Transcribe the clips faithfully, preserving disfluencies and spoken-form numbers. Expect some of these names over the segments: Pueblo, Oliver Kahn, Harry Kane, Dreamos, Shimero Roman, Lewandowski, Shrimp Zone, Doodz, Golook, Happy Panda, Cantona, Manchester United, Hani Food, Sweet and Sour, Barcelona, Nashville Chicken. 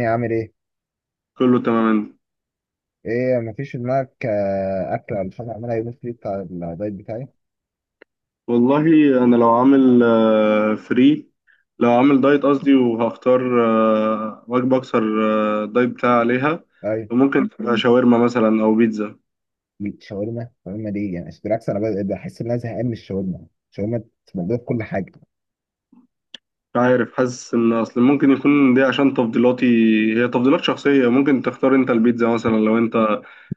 والدنيا عامل ايه؟ كله تمام. ايه مفيش في دماغك آه، اكل ولا حاجه اعملها يوم الفري بتاع الدايت بتاعي؟ والله انا لو عامل فري، لو عامل دايت قصدي، وهختار آه، وجبه اكثر، آه، دايت بتاعي عليها، ايوه فممكن تبقى شاورما مثلا او بيتزا. الشاورما الشاورما دي يعني بالعكس انا ب- بحس ان انا زهقان من الشاورما الشاورما موجوده في كل حاجه. مش عارف، حاسس ان اصل ممكن يكون دي عشان تفضيلاتي. هي تفضيلات شخصيه، ممكن تختار انت البيتزا مثلا لو انت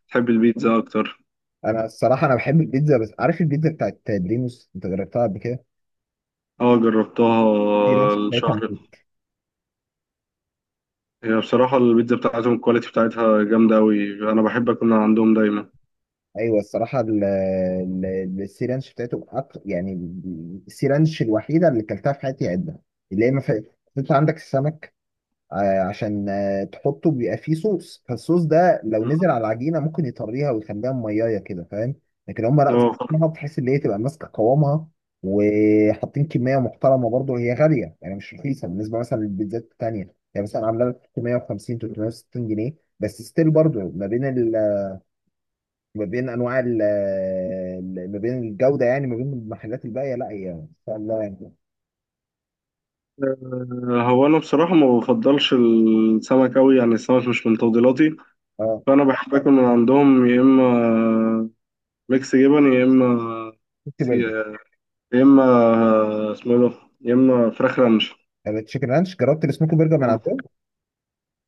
تحب البيتزا اكتر. انا الصراحه انا بحب البيتزا بس عارف البيتزا بتاعت دريموس، انت جربتها قبل كده؟ اه جربتها السي آه، رانش بتاعتها الشهر. موت. هي بصراحه البيتزا بتاعتهم الكواليتي بتاعتها جامده قوي، انا بحب اكون عندهم دايما. ايوه الصراحه ال- ال- السي رانش بتاعته أك- يعني السي رانش الوحيده اللي اكلتها في حياتي عدة، اللي هي ما فيهاش. انت عندك السمك آه، عشان آه، تحطه بيبقى فيه صوص، فالصوص ده لو نزل على العجينه ممكن يطريها ويخليها ميايه كده، فاهم؟ لكن هم لا، اه. ظبطناها بحيث ان هي تبقى ماسكه قوامها، وحاطين كميه محترمه. برضه هي غاليه، يعني مش رخيصه بالنسبه مثلا للبيتزات التانيه. يعني مثلا عامله لك تلتمية وخمسين تلتمية وستين جنيه، بس ستيل برضه ما بين ال... ما بين انواع ال... ال- ما بين الجوده، يعني ما بين المحلات الباقيه لا هي ان شاء الله يعني. آه، هو انا بصراحه ما بفضلش السمك قوي، يعني السمك مش من تفضيلاتي. اه فانا بحب اكل من عندهم يا اما ميكس جبن يا اما سموكي سي... برجر، يا اما آه، اسمه إيه ده، يا اما فراخ رانش. التشيكن رانش. جربت السموكي برجر من عندهم؟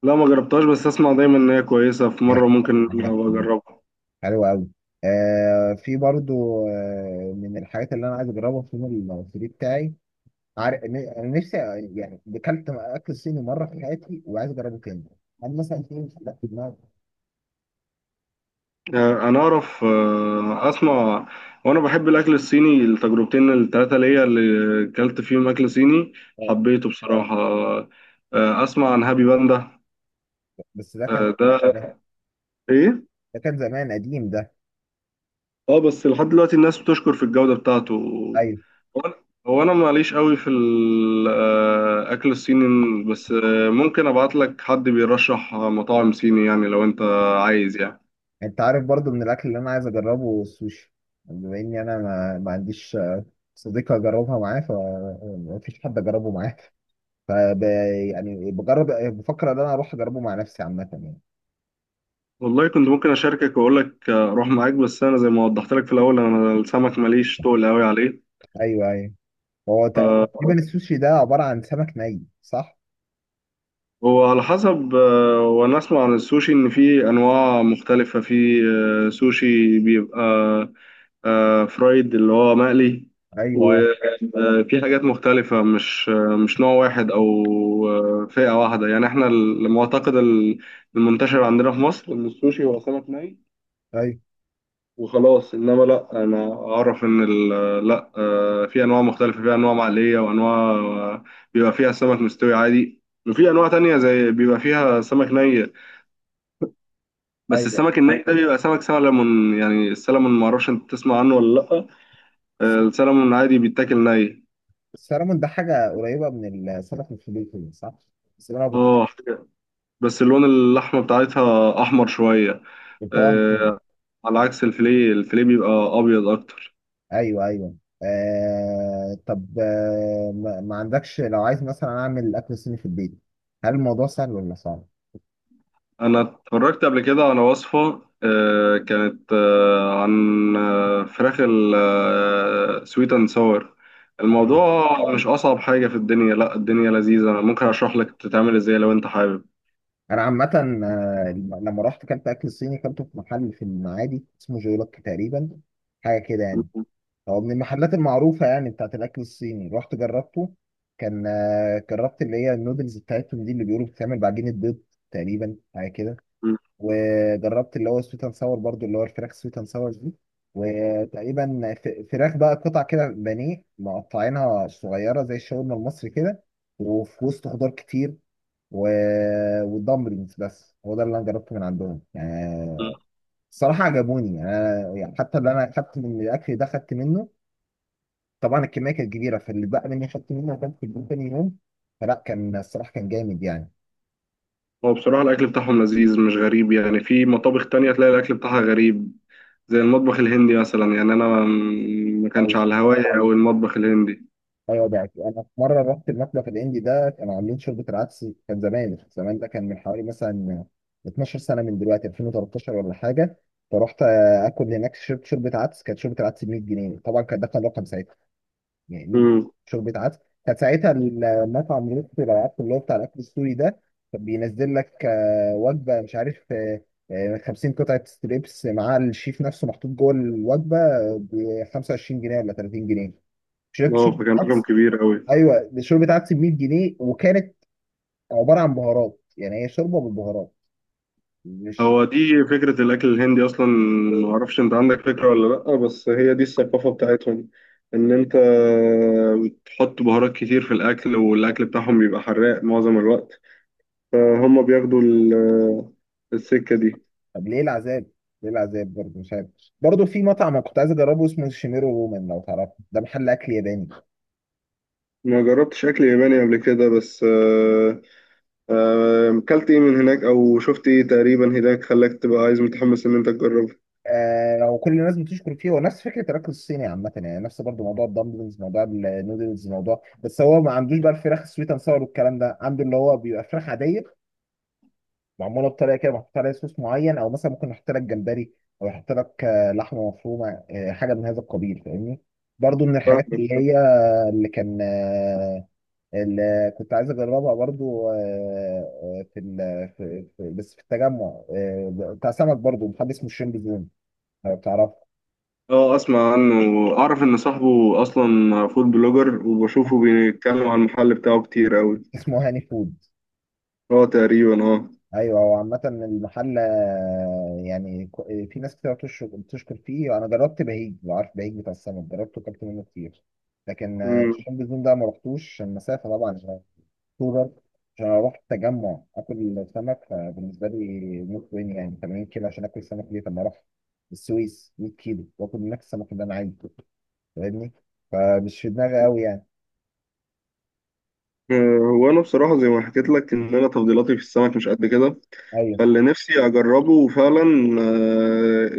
لا ما جربتهاش، بس اسمع دايما ان هي كويسه، في مره ممكن أبقى اجربها. حلو قوي. آه في برضو آه من الحاجات اللي انا عايز اجربها في يوم المصري بتاعي. عارف ن- انا نفسي يعني اكلت اكل صيني مره في حياتي وعايز اجربه تاني. انا مثلا في حاجات في دماغي آه، انا اعرف، آه، اسمع. وانا بحب الاكل الصيني، التجربتين التلاته ليا اللي اكلت فيهم اكل صيني آه، حبيته بصراحه. آه، اسمع عن هابي باندا. بس ده كان، آه، ده ده ايه. ده كان زمان قديم ده. اه بس لحد دلوقتي الناس بتشكر في الجودة بتاعته. ايوه هو انا هو أنا معليش قوي في الاكل الصيني، بس آه، ممكن ابعت لك حد بيرشح مطاعم صيني يعني لو انت عايز يعني. انت عارف برضو من الاكل اللي انا عايز اجربه السوشي، بما اني انا ما, ما عنديش آه، صديقه اجربها معاه، فما فيش حد اجربه معاه. فب يعني بجرب بفكر ان انا اروح اجربه مع نفسي عامه يعني. والله كنت ممكن اشاركك واقول لك آه، اروح معاك، بس انا زي ما وضحت لك في الاول انا السمك ماليش تقل قوي عليه. ايوه ايوه. هو تقريبا السوشي ده عبارة عن سمك ني صح؟ هو على حسب، آه، وانا اسمع عن السوشي ان في انواع مختلفة. في آه، سوشي بيبقى آه، فرايد اللي هو مقلي، ايوه وفي حاجات مختلفة، مش آه، مش نوع واحد او آه، فئة واحدة. يعني احنا المعتقد المنتشر عندنا في مصر ان السوشي هو سمك ني ايوه وخلاص، انما لا، انا اعرف ان ال... لا آه، في انواع مختلفه، في انواع معليه وانواع آه، بيبقى فيها سمك مستوي عادي، وفي انواع تانية زي بيبقى فيها سمك ني. بس ايوه. السمك الني ده بيبقى سمك سلمون، يعني السلمون ما اعرفش انت تسمع عنه ولا لا. آه، السلمون عادي بيتاكل ني. السلمون ده حاجة قريبة من السمك الفليتون صح؟ بس انا اه حاجة- بس اللون اللحمه بتاعتها احمر شويه. بطعم كده. آه، على عكس الفيليه الفيليه بيبقى ابيض اكتر. ايوه ايوه. آه طب آه ما ما عندكش، لو عايز مثلا اعمل اكل صيني في البيت هل الموضوع سهل ولا صعب؟ انا اتفرجت قبل كده على وصفة، آه، كانت آه، عن آه، فراخ السويت اند ساور. ايوه الموضوع مش اصعب حاجة في الدنيا، لا الدنيا لذيذة، انا ممكن اشرح لك تتعمل ازاي لو انت حابب. انا عامة آه، لما رحت كلت اكل صيني، كلته في محل في المعادي اسمه جولوك تقريبا، حاجة كده يعني. هو من المحلات المعروفة يعني بتاعت الأكل الصيني، رحت جربته. كان آه، جربت اللي هي النودلز بتاعتهم دي اللي بيقولوا بتتعمل بعجينة بيض تقريبا، حاجة كده. وجربت اللي هو سويت اند ساور برضو، اللي هو الفراخ سويت اند ساور دي. وتقريبا ف- فراخ بقى قطع كده بانيه مقطعينها صغيرة زي الشاورما المصري كده، وفي وسط خضار كتير و... والدمبلينجز. بس هو ده اللي انا جربته من عندهم يعني. الصراحة عجبوني، يعني أنا يعني حتى اللي انا خدت من الاكل ده خدت منه. طبعا الكميه كانت كبيره، فاللي بقى مني خدت منه وكان في اليوم تاني يوم، فلا كان الصراحه كان جامد يعني. هو بصراحة الاكل بتاعهم لذيذ مش غريب، يعني في مطابخ تانية تلاقي الاكل بتاعها غريب، زي المطبخ الهندي مثلا. يعني انا ما ما كانش عاوز- على هواية او المطبخ الهندي. ايوه ده أكيد. انا في مره رحت المطبخ الاندي ده، كانوا عاملين شوربه العدس. كان زمان زمان ده كان من حوالي مثلا اتناشر سنه من دلوقتي، الفين وتلتاشر ولا حاجه. فرحت آه، اكل هناك، شربت شوربه عدس. كانت شوربه العدس ب مية جنيه، طبعا كان ده كان رقم ساعتها يعني. امم. شوربة عدس. كانت ساعتها المطعم لطفي العراق اللي هو بتاع الأكل السوري ده، كان بينزل لك آه، وجبة مش عارف آه، آه، خمسين قطعة ستريبس مع الشيف نفسه محطوط جوه الوجبة ب خمسة وعشرين جنيه ولا تلاتين جنيه. شربت اه شوربة فكان رقم عدس كبير قوي. أيوه، دي شوربة عدس ب مية جنيه، وكانت عبارة عن بهارات، يعني هي شوربة بالبهارات مش... هو دي فكرة الأكل الهندي أصلا، معرفش أنت عندك فكرة ولا لأ، بس هي دي الثقافة بتاعتهم. إن أنت بتحط بهارات كتير في الأكل، والأكل بتاعهم بيبقى حراق معظم الوقت. فهم بياخدوا ال- السكة دي. طب ليه العذاب؟ ليه العذاب برضه مش عارف. برضه في مطعم أنا كنت عايز أجربه اسمه شيميرو رومان لو تعرفه، ده محل أكل ياباني. ما جربتش أكل ياباني قبل كده، بس آه، آه، أكلت إيه من هناك أو شفت إيه تقريبا هناك خلاك تبقى عايز متحمس إن أنت تجربه. آه وكل الناس بتشكر فيه. هو نفس فكره الاكل الصيني عامه يعني، نفس برضه موضوع الدمبلز موضوع النودلز موضوع. بس هو ما عندوش بقى الفراخ السويت اند ساور والكلام ده. عنده اللي هو بيبقى فراخ عاديه معموله بطريقه كده محطوط عليها صوص معين، او مثلا ممكن يحط لك جمبري او يحط لك آه، لحمه مفرومه، آه، حاجه من هذا القبيل، فاهمني. برضه من الحاجات اللي هي، اللي كان آه، اللي كنت عايز اجربها برضه آه، آه، في, ال- في, في بس في التجمع آه، بتاع سمك، برضه محل اسمه الشريمب زون لو تعرفه. اه اسمع عنه، اعرف ان صاحبه اصلا فود بلوجر وبشوفه بيتكلم عن المحل بتاعه كتير قوي. اسمه هاني فود. اه تقريبا اه. ايوه هو عامة المحل آه، يعني كو- في ناس كتير بتشكر بتشكر فيه. انا جربت بهيج، لو عارف بهيج بتاع السمك، جربته وكلت منه كتير. لكن آه، مم. شم النيل ده ما رحتوش عشان المسافة طبعا، عشان اكتوبر. عشان اروح التجمع اكل سمك، فبالنسبة لي موت وين يعني تمانين كيلو عشان اكل سمك ليه؟ طب ما اروح السويس مية كيلو واكل هناك السمك اللي انا عايزه، فاهمني؟ فمش في دماغي قوي يعني. آه، هو انا بصراحه زي ما حكيت لك ان انا تفضيلاتي في السمك مش قد كده. ايوه فاللي نفسي اجربه فعلا آه،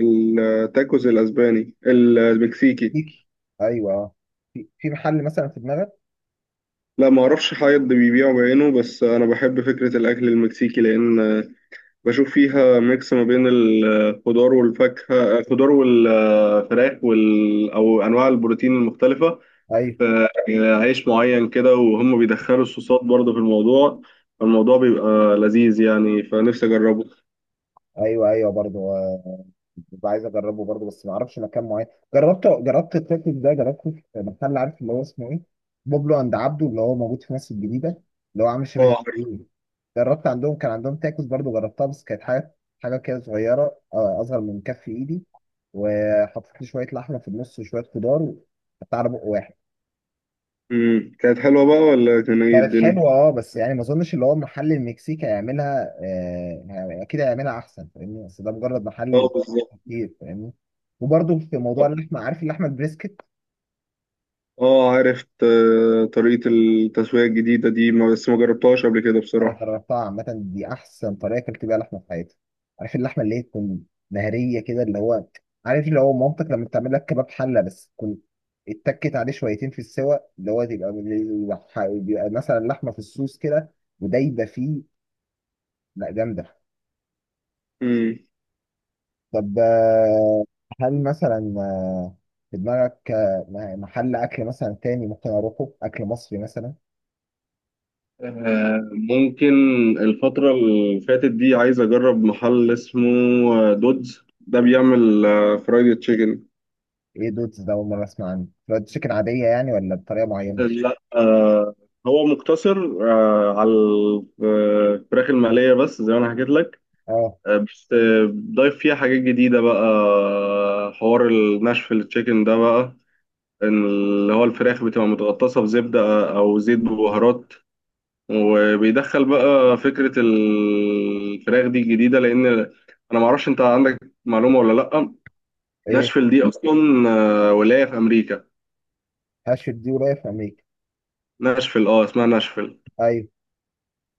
التاكوز الاسباني المكسيكي. فيك ايوه آه. في في محل مثلا في دماغك؟ لا ما اعرفش حد بيبيعه بعينه، بس انا بحب فكره الاكل المكسيكي، لان بشوف فيها ميكس ما بين الخضار والفاكهة، الخضار والفراخ وال... أو أنواع البروتين المختلفة ايوه في عيش معين كده، وهم بيدخلوا الصوصات برضه في الموضوع. الموضوع بيبقى لذيذ يعني، فنفسي أجربه. ايوه ايوه برضه آه، ببقى عايز اجربه برضه، بس ما اعرفش مكان معين. جربته، جربت التاكل ده، جربته في محل عارف اللي هو اسمه ايه، بوبلو عند عبده اللي هو موجود في مصر الجديده، اللي هو عامل اه شبه عارف. ايه. جربت عندهم، كان عندهم تاكوس برضه، جربتها بس كانت حاجه، حاجه كده صغيره آه، اصغر من كف ايدي. وحطيت لي شويه لحمه في النص وشويه خضار وحطيت على بق واحد. مم. كانت حلوة بقى ولا كان ايه كانت الدنيا؟ حلوة اه بس يعني ما اظنش اللي هو محل المكسيك هيعملها آه يعني اكيد هيعملها احسن فاهمني، بس ده مجرد اه محل بالظبط. كتير فاهمني. وبرضه في موضوع اللحمة، عارف اللحمة البريسكت؟ اه عرفت آه، طريقة التسوية الجديدة دي ما- بس ما جربتهاش قبل كده انا بصراحة. جربتها عامة، دي احسن طريقة اكلت بيها لحمة في حياتي. عارف اللحمة اللي هي تكون مهرية كده، اللي هو عارف اللي هو مامتك لما بتعمل لك كباب حلة بس تكون اتكت عليه شويتين في السوا، اللي هو تبقى بيبقى مثلا لحمة في الصوص كده ودايبة فيه؟ لا جامدة. مم. طب آه، هل مثلا آه، في دماغك آه، م- محل أكل مثلا تاني ممكن أروحه، أكل مصري مثلا؟ آه، ممكن، الفترة اللي فاتت دي عايز أجرب محل اسمه آه، دودز، ده بيعمل آه، فرايد تشيكن. إيه دودز ده؟ أول مرة أسمع عنه. فرايد تشيكن عادية يعني ولا بطريقة معينة؟ لا آه، هو مقتصر آه، على الفراخ المقلية بس زي ما أنا حكيت لك. أه. آه، بس آه، ضايف فيها حاجات جديدة بقى، آه، حوار الناشفيل تشيكن ده بقى، إن اللي هو الفراخ بتبقى متغطسة بزبدة أو زيت ببهارات، وبيدخل بقى فكرة الفراخ دي الجديدة. لأن أنا معرفش أنت عندك معلومة ولا لأ، إيه ناشفيل دي أصلا آه، ولاية في أمريكا. هاشت دي ورايا في أمريكا؟ ناشفيل، أه اسمها ناشفيل. أيوه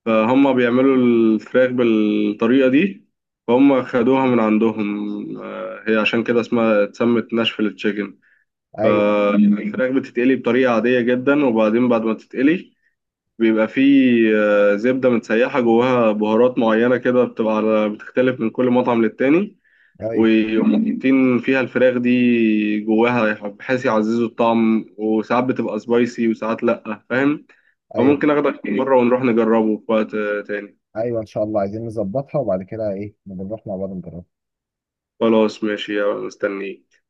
فهم بيعملوا الفراخ بالطريقة دي، فهم خدوها من عندهم، آه، هي عشان كده اسمها اتسمت ناشفيل تشيكن. أيوه فالفراخ بتتقلي بطريقة عادية جدا، وبعدين بعد ما تتقلي بيبقى فيه آه، زبدة متسيحة جواها بهارات معينة كده، بتبقى على بتختلف من كل مطعم للتاني. أيوه وحاطين فيها الفراخ دي جواها بحيث يعززوا الطعم، وساعات بتبقى سبايسي وساعات لأ، فاهم. أيوه فممكن آخدك مرة ونروح نجربه في وقت آه، تاني. أيوه. إن شاء الله عايزين نظبطها وبعد كده إيه نبقى نروح مع بعض نجربها. خلاص ماشي، أنا مستنيك.